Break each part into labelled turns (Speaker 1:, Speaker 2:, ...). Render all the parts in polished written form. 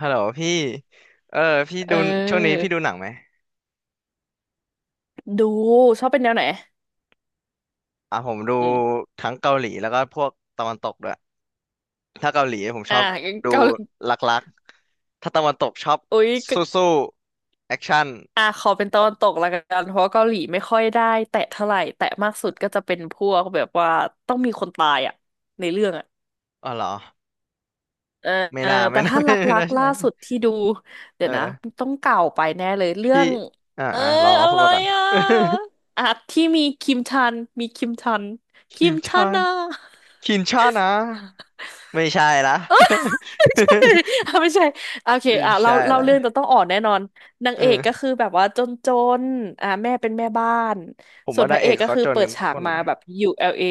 Speaker 1: ฮัลโหลพี่เออพี่
Speaker 2: เ
Speaker 1: ดูช่วงนี้
Speaker 2: ออ
Speaker 1: พี่ดูหนังไหม
Speaker 2: ดูชอบเป็นแนวไหน
Speaker 1: อ่ะผมดู
Speaker 2: อืม
Speaker 1: ทั้งเกาหลีแล้วก็พวกตะวันตกด้วยถ้าเกาหลีผมช
Speaker 2: อ่า
Speaker 1: อบดู
Speaker 2: เกาหลี
Speaker 1: รักๆถ้าตะวันตกชอบ
Speaker 2: อุ๊ยก็
Speaker 1: สู้ๆแอคชั่น
Speaker 2: ขอเป็นตะวันตกละกัน เพราะว่าเกาหลีไม่ค่อยได้แตะเท่าไหร่แตะมากสุดก็จะเป็นพวกแบบว่าต้องมีคนตายอ่ะในเรื่องอ่ะ
Speaker 1: อ๋อเหรอ
Speaker 2: เออ
Speaker 1: ไม่
Speaker 2: เออ
Speaker 1: น่าไม่
Speaker 2: แต่
Speaker 1: น่า
Speaker 2: ถ้า ร
Speaker 1: ไม่
Speaker 2: ั
Speaker 1: น่า
Speaker 2: กๆล่า
Speaker 1: ใช่
Speaker 2: สุดที่ดูเดี๋
Speaker 1: เอ
Speaker 2: ย
Speaker 1: อ
Speaker 2: วนะต้องเก่าไปแน่เลยเรื่อ
Speaker 1: พี่
Speaker 2: งเออ
Speaker 1: ลองลอง
Speaker 2: อะ
Speaker 1: พูด
Speaker 2: ไร
Speaker 1: มากัน
Speaker 2: อ่ะอ่ะที่มีคิมชัน คิ
Speaker 1: คิม
Speaker 2: ม
Speaker 1: ช
Speaker 2: ชัน
Speaker 1: อน
Speaker 2: นะ
Speaker 1: คิมชอนนะไม่ใช่ละ
Speaker 2: อ่ะไม่ใช่โอเค
Speaker 1: ไม่
Speaker 2: อ่ะเรา
Speaker 1: ใช่
Speaker 2: เล่า
Speaker 1: ละ
Speaker 2: เรื่องแต่ต้องอ่อนแน่นอนนาง
Speaker 1: เอ
Speaker 2: เอกก็
Speaker 1: อ
Speaker 2: คือแบบว่าจนอ่ะแม่เป็นแม่บ้าน
Speaker 1: ผม
Speaker 2: ส่ว
Speaker 1: ว่า
Speaker 2: นพ
Speaker 1: นาง
Speaker 2: ระเอ
Speaker 1: เอ
Speaker 2: ก
Speaker 1: ก
Speaker 2: ก็
Speaker 1: เขา
Speaker 2: คือ
Speaker 1: จน
Speaker 2: เปิ
Speaker 1: กั
Speaker 2: ด
Speaker 1: นทุ
Speaker 2: ฉา
Speaker 1: ก
Speaker 2: ก
Speaker 1: คน
Speaker 2: มา
Speaker 1: นะ
Speaker 2: แบบ ULA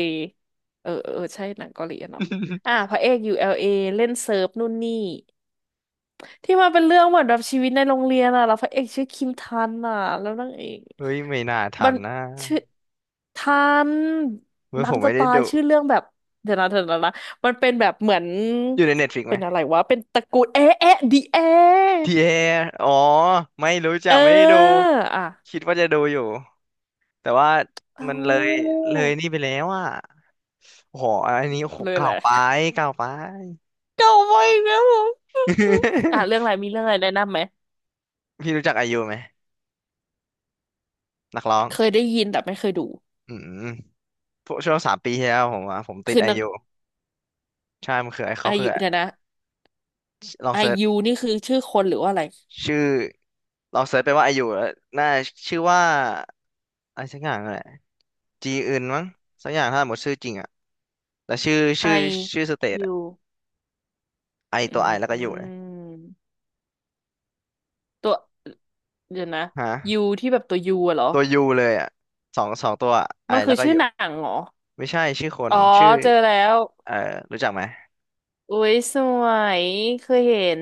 Speaker 2: เอเออเออเออใช่หนังเกาหลีอะเนาะอ่ะ พระเอก ULA เอเล่นเซิร์ฟนู่นนี่ ที่มาเป็นเรื่องเหมือนแบบชีวิตในโรงเรียนอ่ะแล้วพระเอกชื่อคิมทันอ่ะแล้วนางเอก
Speaker 1: เฮ้ยไม่น่าทั
Speaker 2: มัน
Speaker 1: นนะ
Speaker 2: ชื่อทัน
Speaker 1: เมื่อ
Speaker 2: ดั
Speaker 1: ผ
Speaker 2: ง
Speaker 1: ม
Speaker 2: จะ
Speaker 1: ไม่ได้
Speaker 2: ตาย
Speaker 1: ดู
Speaker 2: ชื่อเรื่องแบบเดี๋ยวนะเดี๋ยวนะนะมันเป็นแบบเหมือน
Speaker 1: อยู่ในเน็ตฟ i ิกไหม
Speaker 2: เป็นอะไรวะเป็นตระกูลเอ๊ะเอ๊ะดีเอ๊ะ
Speaker 1: ทีเออ๋อไม่รู้จั
Speaker 2: เอ
Speaker 1: ก
Speaker 2: อ
Speaker 1: ไม่ได้ดู
Speaker 2: อ่ะ
Speaker 1: คิดว่าจะดูอยู่แต่ว่า
Speaker 2: เอ้า
Speaker 1: มันเลยนี่ไปแล้วอ่ะโอ้โหอันนี้โอ้โห
Speaker 2: เลย
Speaker 1: เก่า
Speaker 2: แหละ
Speaker 1: ไป เก่าไป
Speaker 2: เก่าไปอีกแล้วเหรออ่ะเรื่ องอะไรมีเรื่องอะไรแนะนำไหม
Speaker 1: พี่รู้จักไอยูไหมนักร้อง
Speaker 2: เคยได้ยินแต่ไม่เคยดู
Speaker 1: อืมพวกช่วงสามปีที่แล้วผมติด
Speaker 2: คือ
Speaker 1: ไอ
Speaker 2: นัก
Speaker 1: ยูใช่มันคือไอเขา
Speaker 2: อา
Speaker 1: คือ
Speaker 2: ยุเดี๋ยวนะ
Speaker 1: ลอง
Speaker 2: อา
Speaker 1: เซิร์ช
Speaker 2: ยุนี่คือชื่อคนหรือว่าอะไร
Speaker 1: ชื่อลองเซิร์ชไปว่าไอยูแล้วน่าชื่อว่าอะไรสักอย่างนั่นแหละจีอื่นมั้งสักอย่างถ้าหมดชื่อจริงอ่ะ แล้วชื่อชื่อ
Speaker 2: I
Speaker 1: ชื่อสเตทอะ
Speaker 2: U
Speaker 1: ไอ
Speaker 2: อื
Speaker 1: ตัวไอแล้วก็อยู่เลย
Speaker 2: มตัวเดี๋ยวนะ
Speaker 1: ฮะ
Speaker 2: U ที่แบบตัว U อะเหรอ
Speaker 1: ตัวยูเลยอ่ะสองตัวไอ
Speaker 2: มันคื
Speaker 1: แล้ว
Speaker 2: อ
Speaker 1: ก็อ
Speaker 2: ชื่อ
Speaker 1: ยู่
Speaker 2: หนังเหรอ
Speaker 1: ไม่ใช่ชื่อคน
Speaker 2: อ๋อ
Speaker 1: ชื่อ
Speaker 2: เจอแล้ว
Speaker 1: เอ่อรู้จักไหม
Speaker 2: อุ้ยสวยเคยเห็น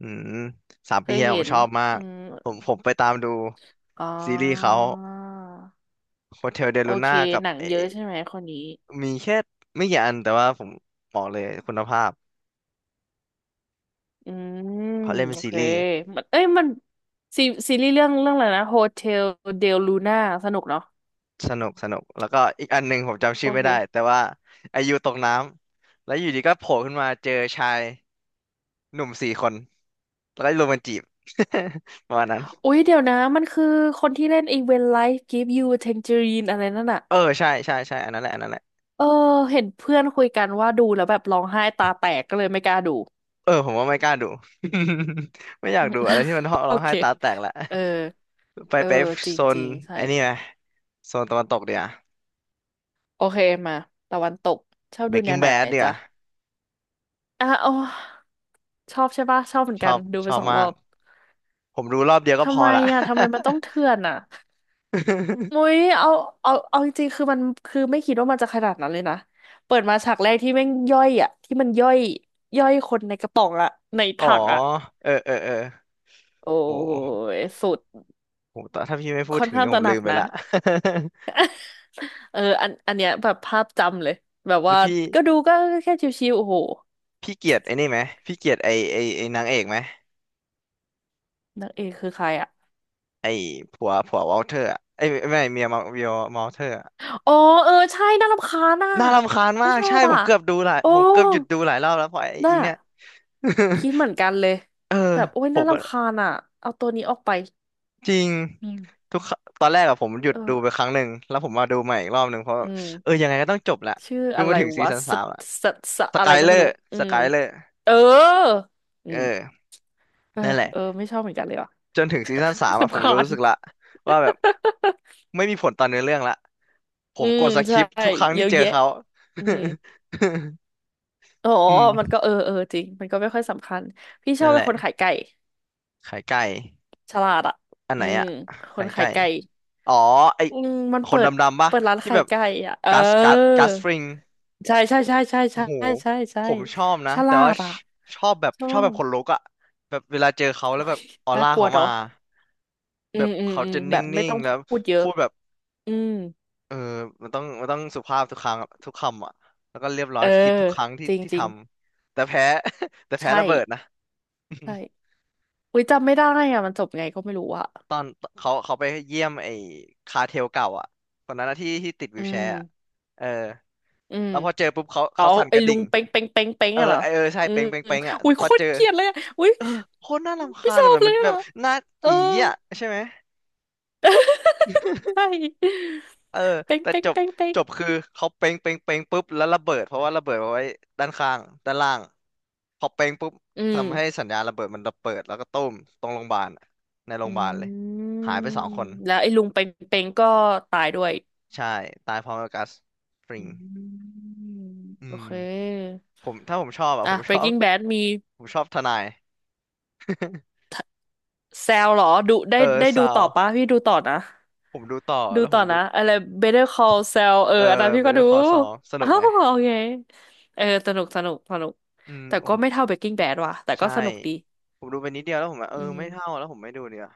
Speaker 1: อืมสาม
Speaker 2: เค
Speaker 1: ปี
Speaker 2: ย
Speaker 1: ที่แล้วผ
Speaker 2: เห็
Speaker 1: ม
Speaker 2: น
Speaker 1: ชอบมา
Speaker 2: อื
Speaker 1: ก
Speaker 2: ม
Speaker 1: ผมไปตามดู
Speaker 2: อ๋อ
Speaker 1: ซีรีส์เขาโฮเทลเด
Speaker 2: โอ
Speaker 1: ลู
Speaker 2: เค
Speaker 1: น่ากับ
Speaker 2: หนังเยอะใช่ไหมคนนี้
Speaker 1: มีแค่ไม่กี่อันแต่ว่าผมบอกเลยคุณภาพ
Speaker 2: อืม
Speaker 1: เขาเล่นเป็
Speaker 2: โอ
Speaker 1: นซี
Speaker 2: เค
Speaker 1: รีส์
Speaker 2: มันเอ้ยมันซีซีรีส์เรื่องเรื่องอะไรนะโฮเทลเดลลูน่าสนุกเนาะ
Speaker 1: สนุกสนุกแล้วก็อีกอันหนึ่งผมจำ
Speaker 2: โอ
Speaker 1: ชื่อไม่ได้
Speaker 2: เค
Speaker 1: แต่ว่าไอายูตกน้ำแล้วอยู่ดีก็โผล่ขึ้นมาเจอชายหนุ่มสี่คน แล้วก็รุมมันจีบ ประมาณนั้น
Speaker 2: อุ๊ยเดี๋ยวนะมันคือคนที่เล่นไอีเวนไลฟ์กิฟยูเทน g จ r ร n นอะไรนั่นอะ
Speaker 1: เออใช่ใช่ใช่อันนั้นแหละอันนั้นแหละ
Speaker 2: เออเห็นเพื่อนคุยกันว่าดูแล้วแบบร้องไห้ตาแตกก็เลยไม่กล้าดู
Speaker 1: เออผมว่าไม่กล้าดู ไม่อยา
Speaker 2: อื
Speaker 1: ก
Speaker 2: ม
Speaker 1: ดูอะไรที่มันร้อง
Speaker 2: โอ
Speaker 1: ร้องไห้
Speaker 2: เค
Speaker 1: ตาแตกละ
Speaker 2: เออ
Speaker 1: ไป
Speaker 2: เอ
Speaker 1: ไป
Speaker 2: อจริ
Speaker 1: โซ
Speaker 2: งจ
Speaker 1: น
Speaker 2: ริงใช่
Speaker 1: ไอ้นี่ไหมโซนตะวันตกเดียว
Speaker 2: โอเคมาตะวันตกชอบดูแนว
Speaker 1: Breaking
Speaker 2: ไหน
Speaker 1: Bad เดียว
Speaker 2: จ๊ะอ่ะอ๋อชอบใช่ปะชอบเหมือน
Speaker 1: ช
Speaker 2: กั
Speaker 1: อ
Speaker 2: น
Speaker 1: บ
Speaker 2: ดู
Speaker 1: ช
Speaker 2: ไป
Speaker 1: อบ
Speaker 2: สอง
Speaker 1: มา
Speaker 2: รอ
Speaker 1: ก
Speaker 2: บ
Speaker 1: ผมดูรอบเดียวก็พ
Speaker 2: ทำ
Speaker 1: อ
Speaker 2: ไม
Speaker 1: ละ
Speaker 2: อ่ะทำไมมันต้องเถื่อนอ่ะ มุ้ยเอาเอาจริงๆคือมันคือไม่คิดว่ามันจะขนาดนั้นเลยนะเปิดมาฉากแรกที่แม่งย่อยอ่ะที่มันย่อยย่อยคนในกระป๋องอ่ะใน
Speaker 1: อ๋อ
Speaker 2: ถังอ่ะ
Speaker 1: เออเออเออ
Speaker 2: โอ้
Speaker 1: โอ้
Speaker 2: ยสุด
Speaker 1: โหแต่ถ้าพี่ไม่พูด
Speaker 2: ค่อน
Speaker 1: ถึง
Speaker 2: ข้าง
Speaker 1: เนี่ย
Speaker 2: ต
Speaker 1: ผม
Speaker 2: ระหนั
Speaker 1: ลื
Speaker 2: ก
Speaker 1: มไป
Speaker 2: นะ
Speaker 1: ละ
Speaker 2: เอออันเนี้ยแบบภาพจำเลยแบบ
Speaker 1: แล้
Speaker 2: ว่า
Speaker 1: วพี่
Speaker 2: ก็ดูก็แค่ชิวๆโอ้โห
Speaker 1: พี่เกลียดไอ้นี่ไหมพี่เกลียดไอ้นางเอกไหม
Speaker 2: นางเอกคือใครอ่ะ
Speaker 1: ไอ้ผัววอลเทอร์อะไอ้ยไม่เมียมาเมียมอลเทอร์อะ
Speaker 2: อ๋อเออใช่น่ารำคาญอ่ะ
Speaker 1: น่ารำคาญ
Speaker 2: ไม่
Speaker 1: มาก
Speaker 2: ชอ
Speaker 1: ใช่
Speaker 2: บ
Speaker 1: ผ
Speaker 2: อ่ะ
Speaker 1: มเกือบดูหลาย
Speaker 2: โอ้
Speaker 1: ผมเกือบหยุดดูหลายรอบแล้วเพราะไอ้อี
Speaker 2: น่า
Speaker 1: เนี่ย
Speaker 2: คิดเหมือนกันเลย
Speaker 1: เออ
Speaker 2: แบบโอ้ย
Speaker 1: ผ
Speaker 2: น่า
Speaker 1: มก็
Speaker 2: รำคาญอ่ะเอาตัวนี้ออกไป
Speaker 1: จริง
Speaker 2: อืม
Speaker 1: ทุกครั้งตอนแรกอะผมหยุด
Speaker 2: เอ
Speaker 1: ดูไป
Speaker 2: อ
Speaker 1: ครั้งหนึ่งแล้วผมมาดูใหม่อีกรอบหนึ่งเพราะ
Speaker 2: อื
Speaker 1: เออ
Speaker 2: ม
Speaker 1: ยังไงก็ต้องจบแหละ
Speaker 2: ชื่อ
Speaker 1: ดู
Speaker 2: อะ
Speaker 1: มา
Speaker 2: ไร
Speaker 1: ถึงซี
Speaker 2: วะ
Speaker 1: ซั่นสามละ
Speaker 2: สส
Speaker 1: ส
Speaker 2: อะไร
Speaker 1: กาย
Speaker 2: ก็
Speaker 1: เลอ
Speaker 2: ไม่รู้
Speaker 1: ร์
Speaker 2: อื
Speaker 1: ส
Speaker 2: ม
Speaker 1: กายเลอร์
Speaker 2: เอออื
Speaker 1: เอ
Speaker 2: ม
Speaker 1: อ
Speaker 2: เออ
Speaker 1: นั่นแหละ
Speaker 2: เออไม่ชอบเหมือนกันเลยว่ะ
Speaker 1: จนถึงซีซั่นสาม อะผ
Speaker 2: รำ
Speaker 1: ม
Speaker 2: คาญ
Speaker 1: รู้สึกละว่าแบบไม่มีผลต่อเนื้อเรื่องละผ
Speaker 2: อื
Speaker 1: มก
Speaker 2: ม
Speaker 1: ดส
Speaker 2: ใช่
Speaker 1: คิปทุกครั้ง
Speaker 2: เย
Speaker 1: ที่
Speaker 2: อะ
Speaker 1: เจอ
Speaker 2: แยะ
Speaker 1: เขา
Speaker 2: อืม อ๋อ
Speaker 1: อื
Speaker 2: มัน
Speaker 1: ม
Speaker 2: ก็เออเออจริงมันก็ไม่ค่อยสำคัญพี่ชอ
Speaker 1: นั่
Speaker 2: บ
Speaker 1: นแห
Speaker 2: เป็น
Speaker 1: ละ
Speaker 2: คนขายไก่
Speaker 1: ขายไก่
Speaker 2: ฉลาดอ่ะ
Speaker 1: อันไห
Speaker 2: อื
Speaker 1: น
Speaker 2: ม
Speaker 1: อะ
Speaker 2: ค
Speaker 1: ขา
Speaker 2: น
Speaker 1: ย
Speaker 2: ขา
Speaker 1: ไก่
Speaker 2: ยไก่
Speaker 1: อ๋อไอ
Speaker 2: อืมมัน
Speaker 1: ค
Speaker 2: เปิ
Speaker 1: นด
Speaker 2: ด
Speaker 1: ำๆปะ
Speaker 2: เปิดร้าน
Speaker 1: ที่
Speaker 2: ขา
Speaker 1: แบ
Speaker 2: ย
Speaker 1: บ
Speaker 2: ไก่อ่ะเออ
Speaker 1: กัสฟริง
Speaker 2: ใช่ใช่ใช่ใช่
Speaker 1: โอ้
Speaker 2: ใช่
Speaker 1: โห
Speaker 2: ใช่ใช่
Speaker 1: ผมชอบนะ
Speaker 2: ฉ
Speaker 1: แต่
Speaker 2: ลา
Speaker 1: ว่า
Speaker 2: ด
Speaker 1: ช
Speaker 2: อ่ะ
Speaker 1: ชอบแบบ
Speaker 2: ชอ
Speaker 1: ชอบแบบ
Speaker 2: บ
Speaker 1: ขนลุกอะแบบเวลาเจอเขาแล้ว
Speaker 2: โอ้
Speaker 1: แบ
Speaker 2: ย
Speaker 1: บออ
Speaker 2: น่า
Speaker 1: ร่า
Speaker 2: กลัว
Speaker 1: เขามา
Speaker 2: เนาะ อื
Speaker 1: แบ
Speaker 2: ม
Speaker 1: บ
Speaker 2: อืม
Speaker 1: เขา
Speaker 2: อืม
Speaker 1: จะ
Speaker 2: แบ
Speaker 1: นิ
Speaker 2: บไม่
Speaker 1: ่ง
Speaker 2: ต้อง
Speaker 1: ๆแล้ว
Speaker 2: พูดเยอะ
Speaker 1: พูดแบบ
Speaker 2: อืม
Speaker 1: เออมันต้องสุภาพทุกครั้งอะทุกคำอ่ะแล้วก็เรียบร้อ
Speaker 2: เอ
Speaker 1: ย
Speaker 2: อ
Speaker 1: คิดทุกครั้งที่
Speaker 2: จริง
Speaker 1: ที่
Speaker 2: จ
Speaker 1: ท
Speaker 2: ริง
Speaker 1: ำแต่แพ้ แต่แพ้
Speaker 2: ใช่
Speaker 1: ระเบิดนะ
Speaker 2: ใช่อุ้ยจำไม่ได้อะมันจบไงก็ไม่รู้อะ
Speaker 1: ตอนเขาไปเยี่ยมไอ้คาเทลเก่าอ่ะคนนั้นนะที่ที่ติดวี
Speaker 2: อื
Speaker 1: ลแช
Speaker 2: ม
Speaker 1: ร์อะเออ
Speaker 2: อืม
Speaker 1: แล้วพอเจอปุ๊บเขา
Speaker 2: อ๋อ
Speaker 1: เขาสั่นก
Speaker 2: ไอ้
Speaker 1: ระ
Speaker 2: ลุ
Speaker 1: ดิ่ง
Speaker 2: งเป้งเป้งเป้งเป้ง
Speaker 1: เออ
Speaker 2: อะเหรอ
Speaker 1: ไอเออใช่
Speaker 2: อื
Speaker 1: เป้
Speaker 2: ม
Speaker 1: งเป้ง
Speaker 2: อม
Speaker 1: เป้งอ่ะ
Speaker 2: อุ้ย
Speaker 1: พ
Speaker 2: โค
Speaker 1: อเจ
Speaker 2: ตร
Speaker 1: อ
Speaker 2: เกลียดเลยอะอุ้ย
Speaker 1: เออโคตรน่ารำ
Speaker 2: ไม่
Speaker 1: คาญ
Speaker 2: ชอ
Speaker 1: อะ
Speaker 2: บ
Speaker 1: แบบ
Speaker 2: เล
Speaker 1: มั
Speaker 2: ย
Speaker 1: นแบ
Speaker 2: อะ
Speaker 1: บหน้า
Speaker 2: เออ
Speaker 1: อีอ่ะใช่ไหม
Speaker 2: ใช่
Speaker 1: เออ
Speaker 2: เป้ง
Speaker 1: แต่
Speaker 2: เป้ง
Speaker 1: จบ
Speaker 2: เป้งเป้
Speaker 1: จ
Speaker 2: ง
Speaker 1: บคือเขาเป้งเป้งเป้งปุ๊บแล้วระเบิดเพราะว่าระเบิดเอาไว้ด้านข้างด้านล่างพอเป้งปุ๊บ
Speaker 2: อื
Speaker 1: ทำให้
Speaker 2: ม
Speaker 1: สัญญาณระเบิดมันระเบิดแล้วก็ตุ้มตรงโรงพยาบาลอะในโร
Speaker 2: อื
Speaker 1: งพยาบาลเลย
Speaker 2: ม
Speaker 1: หายไปสองคน
Speaker 2: แล้วไอ้ลุงเป้งเป้งก็ตายด้วย
Speaker 1: ใช่ตายพร้อมกับกัสฟริ
Speaker 2: อื
Speaker 1: ง
Speaker 2: ม
Speaker 1: อื
Speaker 2: โอ
Speaker 1: ม
Speaker 2: เค
Speaker 1: ผมถ้าผมชอบอ่ะผ
Speaker 2: อ่ะ
Speaker 1: มชอบ
Speaker 2: Breaking Bad มี
Speaker 1: ผมชอบทนาย
Speaker 2: แซลเหรอดูได้
Speaker 1: เออ
Speaker 2: ได้ดู
Speaker 1: ซาว
Speaker 2: ต่อปะพี่ดูต่อนะ
Speaker 1: ผมดูต่อ
Speaker 2: ดู
Speaker 1: แล้วผ
Speaker 2: ต่อ
Speaker 1: มดู
Speaker 2: นะอะไร Better Call Saul เออ
Speaker 1: เออ
Speaker 2: อันนั้นพี่
Speaker 1: เบ
Speaker 2: ก็
Speaker 1: เตอ
Speaker 2: ดู
Speaker 1: ร์คอซอส นุ
Speaker 2: อ้า
Speaker 1: ก
Speaker 2: ว
Speaker 1: ไหม
Speaker 2: โอเคเออสนุกสนุกสนุก
Speaker 1: อืม
Speaker 2: แต่
Speaker 1: โอ้
Speaker 2: ก็
Speaker 1: โห
Speaker 2: ไม่เท่า Breaking Bad ว่ะแต่ก็
Speaker 1: ใช่
Speaker 2: สนุกดี
Speaker 1: ผมดูไปนิดเดียวแล้วผมแบบเออ
Speaker 2: อื
Speaker 1: ไม่เท่า
Speaker 2: ม
Speaker 1: แล้วผมไม่ดูเนีกว่ย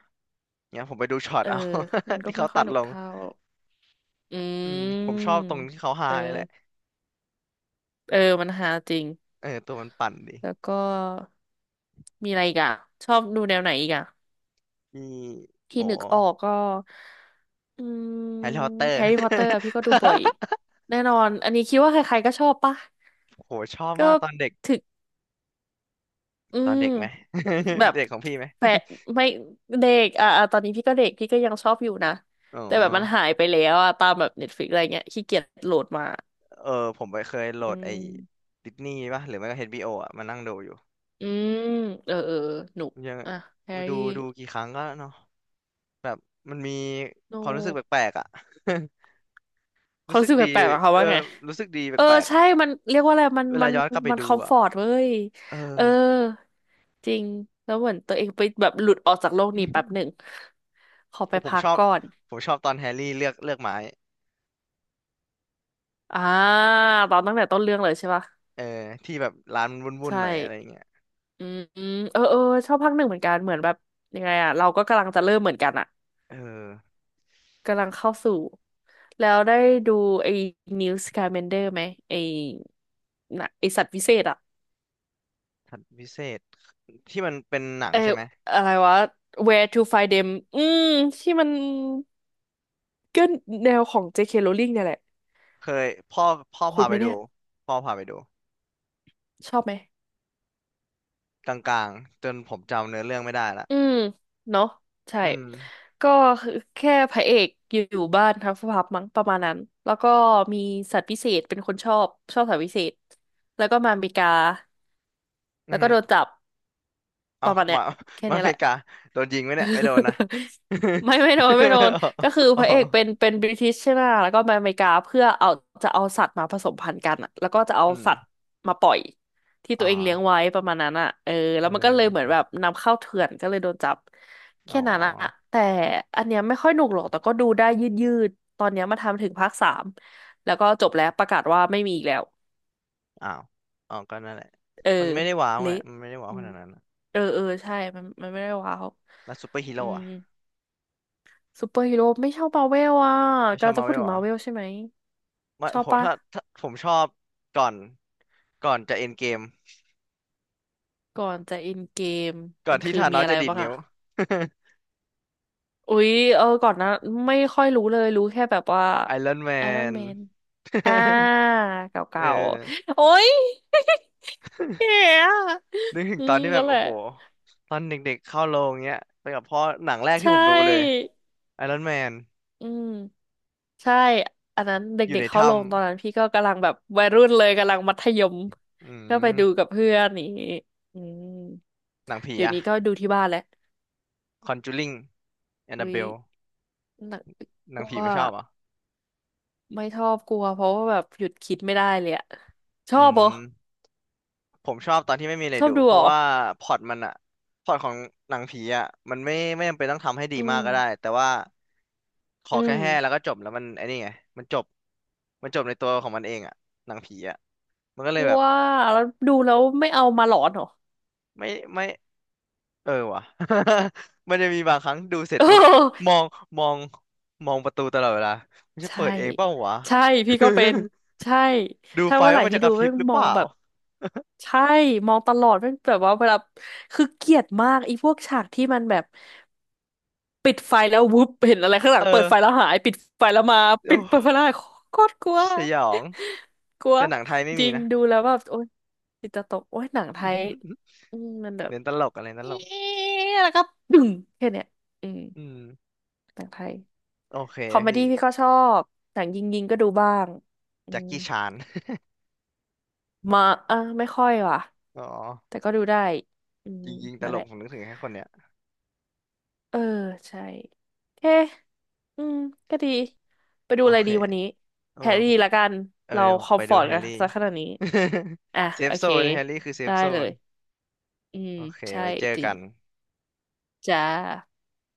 Speaker 1: เนี่ยผมไปดูช็อต
Speaker 2: เอ อ
Speaker 1: เอา
Speaker 2: มัน ก็
Speaker 1: ที่
Speaker 2: ไม่
Speaker 1: เขา
Speaker 2: ค่อ
Speaker 1: ตั
Speaker 2: ย
Speaker 1: ด
Speaker 2: หนุ
Speaker 1: ล
Speaker 2: ก
Speaker 1: ง
Speaker 2: เท่าอื
Speaker 1: อืมผมชอบตรง
Speaker 2: ม
Speaker 1: ที่เขาฮา
Speaker 2: เออ
Speaker 1: นี่แหละ
Speaker 2: เออมันหาจริง
Speaker 1: เออตัวมันปั่นดี
Speaker 2: แล้วก็มีอะไรอีกอ่ะชอบดูแนวไหนอีกอ่ะ
Speaker 1: ที่
Speaker 2: ที่
Speaker 1: โอ้
Speaker 2: นึกออกก็อืม
Speaker 1: แฮร์รี่พ อตเตอ
Speaker 2: แฮ
Speaker 1: ร์
Speaker 2: ร์รี่พอตเตอร์พี่ก็ดูบ่อยแน่นอนอันนี้คิดว่าใครๆก็ชอบปะ
Speaker 1: โหชอบ
Speaker 2: ก็
Speaker 1: มากตอนเด็ก
Speaker 2: ถึกอื
Speaker 1: ตอน
Speaker 2: ม
Speaker 1: เด็กไหม
Speaker 2: แบ บ
Speaker 1: เด็กของพี่ไหม
Speaker 2: แฟะไม่เด็กอ่ะอ่ะตอนนี้พี่ก็เด็กพี่ก็ยังชอบอยู่นะ
Speaker 1: อ๋อ
Speaker 2: แต่แบบมันหายไปแล้วอ่ะตามแบบเน็ตฟลิกอะไรเงี้ยขี้เกียจโหลดมา
Speaker 1: เออผมไปเคยโหล
Speaker 2: อื
Speaker 1: ดไอ้
Speaker 2: ม
Speaker 1: ดิสนีย์ป่ะหรือไม่ก็เอชบิโออ่ะมานั่งดูอยู่
Speaker 2: อืมเออเออหนุก
Speaker 1: ยัง
Speaker 2: อ่ะแฮร์
Speaker 1: ดู
Speaker 2: รี่
Speaker 1: ดูกี่ครั้งก็เนาะแบบมันมี
Speaker 2: โน
Speaker 1: ความรู้สึก
Speaker 2: ก
Speaker 1: แปลกๆอ่ะ
Speaker 2: เขา
Speaker 1: รู้สึ
Speaker 2: รู้
Speaker 1: ก
Speaker 2: สึก
Speaker 1: ดี
Speaker 2: แปลกๆอะเขา
Speaker 1: เอ
Speaker 2: ว่าไง
Speaker 1: อรู้สึกดี
Speaker 2: เออ
Speaker 1: แปลกๆ
Speaker 2: ใช่
Speaker 1: อ่ะ
Speaker 2: มันเรียกว่าอะไรมัน
Speaker 1: เว
Speaker 2: มั
Speaker 1: ลา
Speaker 2: น
Speaker 1: ย้อนกลับไป
Speaker 2: มันค
Speaker 1: ดู
Speaker 2: อมฟ
Speaker 1: อ่ะ
Speaker 2: อร์ตเว้ย
Speaker 1: เออ
Speaker 2: เออจริงแล้วเหมือนตัวเองไปแบบหลุดออกจากโลกนี้แป๊บหนึ่ง ขอไป
Speaker 1: โอ้ผม
Speaker 2: พั
Speaker 1: ช
Speaker 2: ก
Speaker 1: อบ
Speaker 2: ก่อน
Speaker 1: ตอนแฮร์รี่เลือกไม้
Speaker 2: อ่าตอนตั้งแต่ต้นเรื่องเลยใช่ปะ
Speaker 1: เออที่แบบร้านมันวุ่น
Speaker 2: ใช่
Speaker 1: ๆหน่อยอะไรเงี้ย
Speaker 2: อืมเออเออชอบภาคหนึ่งเหมือนกันเหมือนแบบยังไงอะเราก็กำลังจะเริ่มเหมือนกันอะ
Speaker 1: เออ
Speaker 2: กำลังเข้าสู่แล้วได้ดูไอ้ New Scamander ไหมไอ้น่ะไอ้สัตว์วิเศษอะ
Speaker 1: ทัดพิเศษที่มันเป็นหนัง
Speaker 2: เออ
Speaker 1: ใช่ไหม
Speaker 2: อะไรวะ Where to find them อืมที่มัน ก็แนวของ JK Rowling เนี่ยแหละ
Speaker 1: เคยพ่อ
Speaker 2: คุ
Speaker 1: พา
Speaker 2: ณไห
Speaker 1: ไป
Speaker 2: ม
Speaker 1: ดู
Speaker 2: เนี่ย
Speaker 1: พ่อพาไปดู
Speaker 2: ชอบไหม
Speaker 1: กลางๆจนผมจำเนื้อเรื่องไม่ได้ละ
Speaker 2: อืม เนาะใช่
Speaker 1: อืม
Speaker 2: ก็คือแค่พระเอกอยู่บ้านทั้งสภาพมั้งประมาณนั้น แล้วก็มีสัตว์พิเศษเป็นคนชอบสัตว์พิเศษ แล้วก็มาอเมริกา
Speaker 1: อื
Speaker 2: แล้
Speaker 1: อ
Speaker 2: วก็
Speaker 1: หือ
Speaker 2: โดนจับ
Speaker 1: เอา
Speaker 2: ประมาณเนี้
Speaker 1: มา
Speaker 2: ยแค่
Speaker 1: มาอ
Speaker 2: เนี้ย
Speaker 1: เม
Speaker 2: แหละ
Speaker 1: ริกาโดนยิงไหมเนี่ยไม่โดนนะ
Speaker 2: ไม่โดนก็คือ
Speaker 1: อ๋
Speaker 2: พ
Speaker 1: อ
Speaker 2: ระเอกเป็นบริติชใช่ไหมแล้วก็มาอเมริกาเพื่อเอาจะเอาสัตว์มาผสมพันธุ์กันอะแล้วก็จะเอา
Speaker 1: อื
Speaker 2: สัตว์
Speaker 1: ม
Speaker 2: มาปล่อยที่
Speaker 1: อ๋
Speaker 2: ตั
Speaker 1: อ
Speaker 2: วเองเลี้ยงไว้ประมาณนั้นอ่ะเออ
Speaker 1: เอ
Speaker 2: แล้วมันก็เลยเหมือน
Speaker 1: อ
Speaker 2: แบบนำเข้าเถื่อนก็เลยโดนจับ
Speaker 1: อ๋
Speaker 2: แค่
Speaker 1: อ
Speaker 2: นั้นอะแต่อันเนี้ยไม่ค่อยหนุกหรอกแต่ก็ดูได้ยืดยืดตอนเนี้ยมาทำถึงภาคสามแล้วก็จบแล้วประกาศว่าไม่มีอีกแล้ว
Speaker 1: อ้าวอ๋อก็นั่นแหละ
Speaker 2: เออ
Speaker 1: มันไม่ได้ว้าวไง
Speaker 2: เละ
Speaker 1: มันไม่ได้ว้าว
Speaker 2: อื
Speaker 1: ข
Speaker 2: ม
Speaker 1: นาดนั้นอะ
Speaker 2: เออใช่มันไม่ได้ว้าว
Speaker 1: แล้วซูเปอร์ฮี
Speaker 2: อื
Speaker 1: โร่
Speaker 2: ม
Speaker 1: อะ
Speaker 2: ซูเปอร์ฮีโร่ไม่ชอบมาเวลอ่ะ
Speaker 1: ไม่ช
Speaker 2: กำ
Speaker 1: อ
Speaker 2: ลั
Speaker 1: บ
Speaker 2: งจะ
Speaker 1: มาร์
Speaker 2: พู
Speaker 1: เว
Speaker 2: ด
Speaker 1: ล
Speaker 2: ถึง
Speaker 1: เหร
Speaker 2: มา
Speaker 1: อ
Speaker 2: เวลใช่ไหม
Speaker 1: ไม่
Speaker 2: ชอ
Speaker 1: ผ
Speaker 2: บ
Speaker 1: ม
Speaker 2: ปะ
Speaker 1: ถ้าผมชอบก่อนจะเอ็นเกม
Speaker 2: ก่อนจะอินเกม
Speaker 1: ก่อ
Speaker 2: มั
Speaker 1: น
Speaker 2: น
Speaker 1: ที่
Speaker 2: คือ
Speaker 1: ธาน
Speaker 2: มี
Speaker 1: อส
Speaker 2: อะไร
Speaker 1: จะดีด
Speaker 2: บ้าง
Speaker 1: นิ้
Speaker 2: อ่ะ
Speaker 1: ว
Speaker 2: อุ๊ยเออก่อนนะไม่ค่อยรู้เลยรู้แค่แบบว่า
Speaker 1: ไอรอนแม
Speaker 2: ไอรอน
Speaker 1: น
Speaker 2: แมนอ่า
Speaker 1: เ
Speaker 2: เก่า
Speaker 1: ออ
Speaker 2: ๆโอ๊ย แก่อะ
Speaker 1: นึกถึง
Speaker 2: อื
Speaker 1: ตอน
Speaker 2: ม
Speaker 1: ที่แบ
Speaker 2: นั่
Speaker 1: บ
Speaker 2: นแห
Speaker 1: โอ้
Speaker 2: ละ
Speaker 1: โหตอนเด็กๆเข้าโรงเงี้ยไปกับพ่อหนังแรก
Speaker 2: ใช
Speaker 1: ที่ผมดูเลย
Speaker 2: ่
Speaker 1: ไอรอนแมน
Speaker 2: อืม ใช่อันนั้น
Speaker 1: อยู่
Speaker 2: เด็
Speaker 1: ใน
Speaker 2: กๆเข้า
Speaker 1: ถ้
Speaker 2: ลงตอนนั้นพี่ก็กำลังแบบวัยรุ่นเลยกำลังมัธยม
Speaker 1: ำอื
Speaker 2: ก็ไป
Speaker 1: ม
Speaker 2: ดูกับเพื่อนนี่างงี้อืม
Speaker 1: หนังผี
Speaker 2: เดี๋ยวนี้ก็
Speaker 1: อะ
Speaker 2: ดูที่บ้านแหละ
Speaker 1: คอนจูริงแอนนา
Speaker 2: อุ้
Speaker 1: เบ
Speaker 2: ย
Speaker 1: ล
Speaker 2: หนัก
Speaker 1: ห
Speaker 2: ก
Speaker 1: นัง
Speaker 2: ลัว
Speaker 1: ผีไม่ชอบเหรอ
Speaker 2: ไม่ชอบกลัวเพราะว่าแบบหยุดคิดไม่ได้เลยอะชอ
Speaker 1: อื
Speaker 2: บเหรอ
Speaker 1: มผมชอบตอนที่ไม่มีอะไร
Speaker 2: ชอบ
Speaker 1: ดู
Speaker 2: ดู
Speaker 1: เพ
Speaker 2: เหร
Speaker 1: ราะ
Speaker 2: อ
Speaker 1: ว่าพล็อตมันอะพล็อตของหนังผีอะมันไม่จำเป็นต้องทำให้ดี
Speaker 2: อื
Speaker 1: มาก
Speaker 2: ม
Speaker 1: ก็ได้แต่ว่าขอ
Speaker 2: อื
Speaker 1: แค่
Speaker 2: ม
Speaker 1: แห้แล้วก็จบแล้วมันไอ้นี่ไงมันจบมันจบในตัวของมันเองอะหนังผีอะมันก็
Speaker 2: ก
Speaker 1: เลย
Speaker 2: ลั
Speaker 1: แบ
Speaker 2: ว
Speaker 1: บ
Speaker 2: แล้วดูแล้วไม่เอามาหลอนเหรอ
Speaker 1: ไม่ไม่ เออว่ะ มันจะมีบางครั้งดูเสร็จปุ๊บม องมองมองประตูตลอดเวลามันจะ
Speaker 2: ใช่
Speaker 1: เปิดเองเปล่าวะ
Speaker 2: ใช่พี่ก็เป็นใช่
Speaker 1: ดู
Speaker 2: ถ้า
Speaker 1: ไฟ
Speaker 2: เมื่อไห
Speaker 1: ว่า
Speaker 2: ร่
Speaker 1: มัน
Speaker 2: ที่
Speaker 1: จะก
Speaker 2: ดู
Speaker 1: ระพริ
Speaker 2: แม่
Speaker 1: บ
Speaker 2: ง
Speaker 1: หรือ
Speaker 2: ม
Speaker 1: เป
Speaker 2: อง
Speaker 1: ล่า
Speaker 2: แบบใช่มองตลอดแม่งแบบว่าเวลาคือเกลียดมากไอ้พวกฉากที่มันแบบปิดไฟแล้ววุบเห็นอะไรข้างหลั
Speaker 1: เอ
Speaker 2: งเปิดไฟแล้
Speaker 1: อ
Speaker 2: วหายปิดไฟแล้วมา
Speaker 1: โ
Speaker 2: ปิดเปิดไฟ
Speaker 1: อ้
Speaker 2: แล้วหายโคตรกลัว
Speaker 1: สยอง
Speaker 2: กลัว
Speaker 1: แต่หนังไทยไม่
Speaker 2: จ
Speaker 1: มี
Speaker 2: ริง
Speaker 1: นะ
Speaker 2: ดูแล้วแบบโอ๊ยจิตจะตกโอ๊ยหนังไทย อืมมันแบบ
Speaker 1: เน้นตลกอะไรต
Speaker 2: เอ๊
Speaker 1: ลก
Speaker 2: ะ แล้วก็ดึงแค่เนี้ยอืม
Speaker 1: อืม
Speaker 2: หนังไทย
Speaker 1: โอเค
Speaker 2: คอมเม
Speaker 1: พี่
Speaker 2: ดี้พี่ก็ชอบหนังยิงยิงก็ดูบ้างอื
Speaker 1: แจ็ค
Speaker 2: ม
Speaker 1: กี้ชาน
Speaker 2: มาเออไม่ค่อยว่ะ
Speaker 1: อ๋อ
Speaker 2: แต่ก็ดูได้อืม
Speaker 1: จริงๆต
Speaker 2: นั่น
Speaker 1: ล
Speaker 2: แห
Speaker 1: ก
Speaker 2: ละ
Speaker 1: ผมนึกถึงแค่คนเนี้ย
Speaker 2: เออใช่โอเคอืม ก็ดี ไปดู
Speaker 1: โอ
Speaker 2: อะไร
Speaker 1: เค
Speaker 2: ดีวันนี้
Speaker 1: เออ
Speaker 2: แฮร์
Speaker 1: ผ
Speaker 2: รี่
Speaker 1: ม
Speaker 2: ละกัน
Speaker 1: เออ
Speaker 2: เรา
Speaker 1: เดี๋ยวผ
Speaker 2: ค
Speaker 1: ม
Speaker 2: อม
Speaker 1: ไป
Speaker 2: ฟ
Speaker 1: ดู
Speaker 2: อร์ต
Speaker 1: แฮ
Speaker 2: กั
Speaker 1: ร์
Speaker 2: น
Speaker 1: รี่
Speaker 2: ซะขนาดนี้ อ่ะ
Speaker 1: เซ
Speaker 2: โอ
Speaker 1: ฟโซ
Speaker 2: เค
Speaker 1: นแฮร์รี่คือเซ
Speaker 2: ได้
Speaker 1: ฟโซ
Speaker 2: เล
Speaker 1: น
Speaker 2: ย อืม
Speaker 1: โอเค
Speaker 2: ใช่
Speaker 1: ไว้เจอ
Speaker 2: จริ
Speaker 1: กั
Speaker 2: ง
Speaker 1: น
Speaker 2: จ้า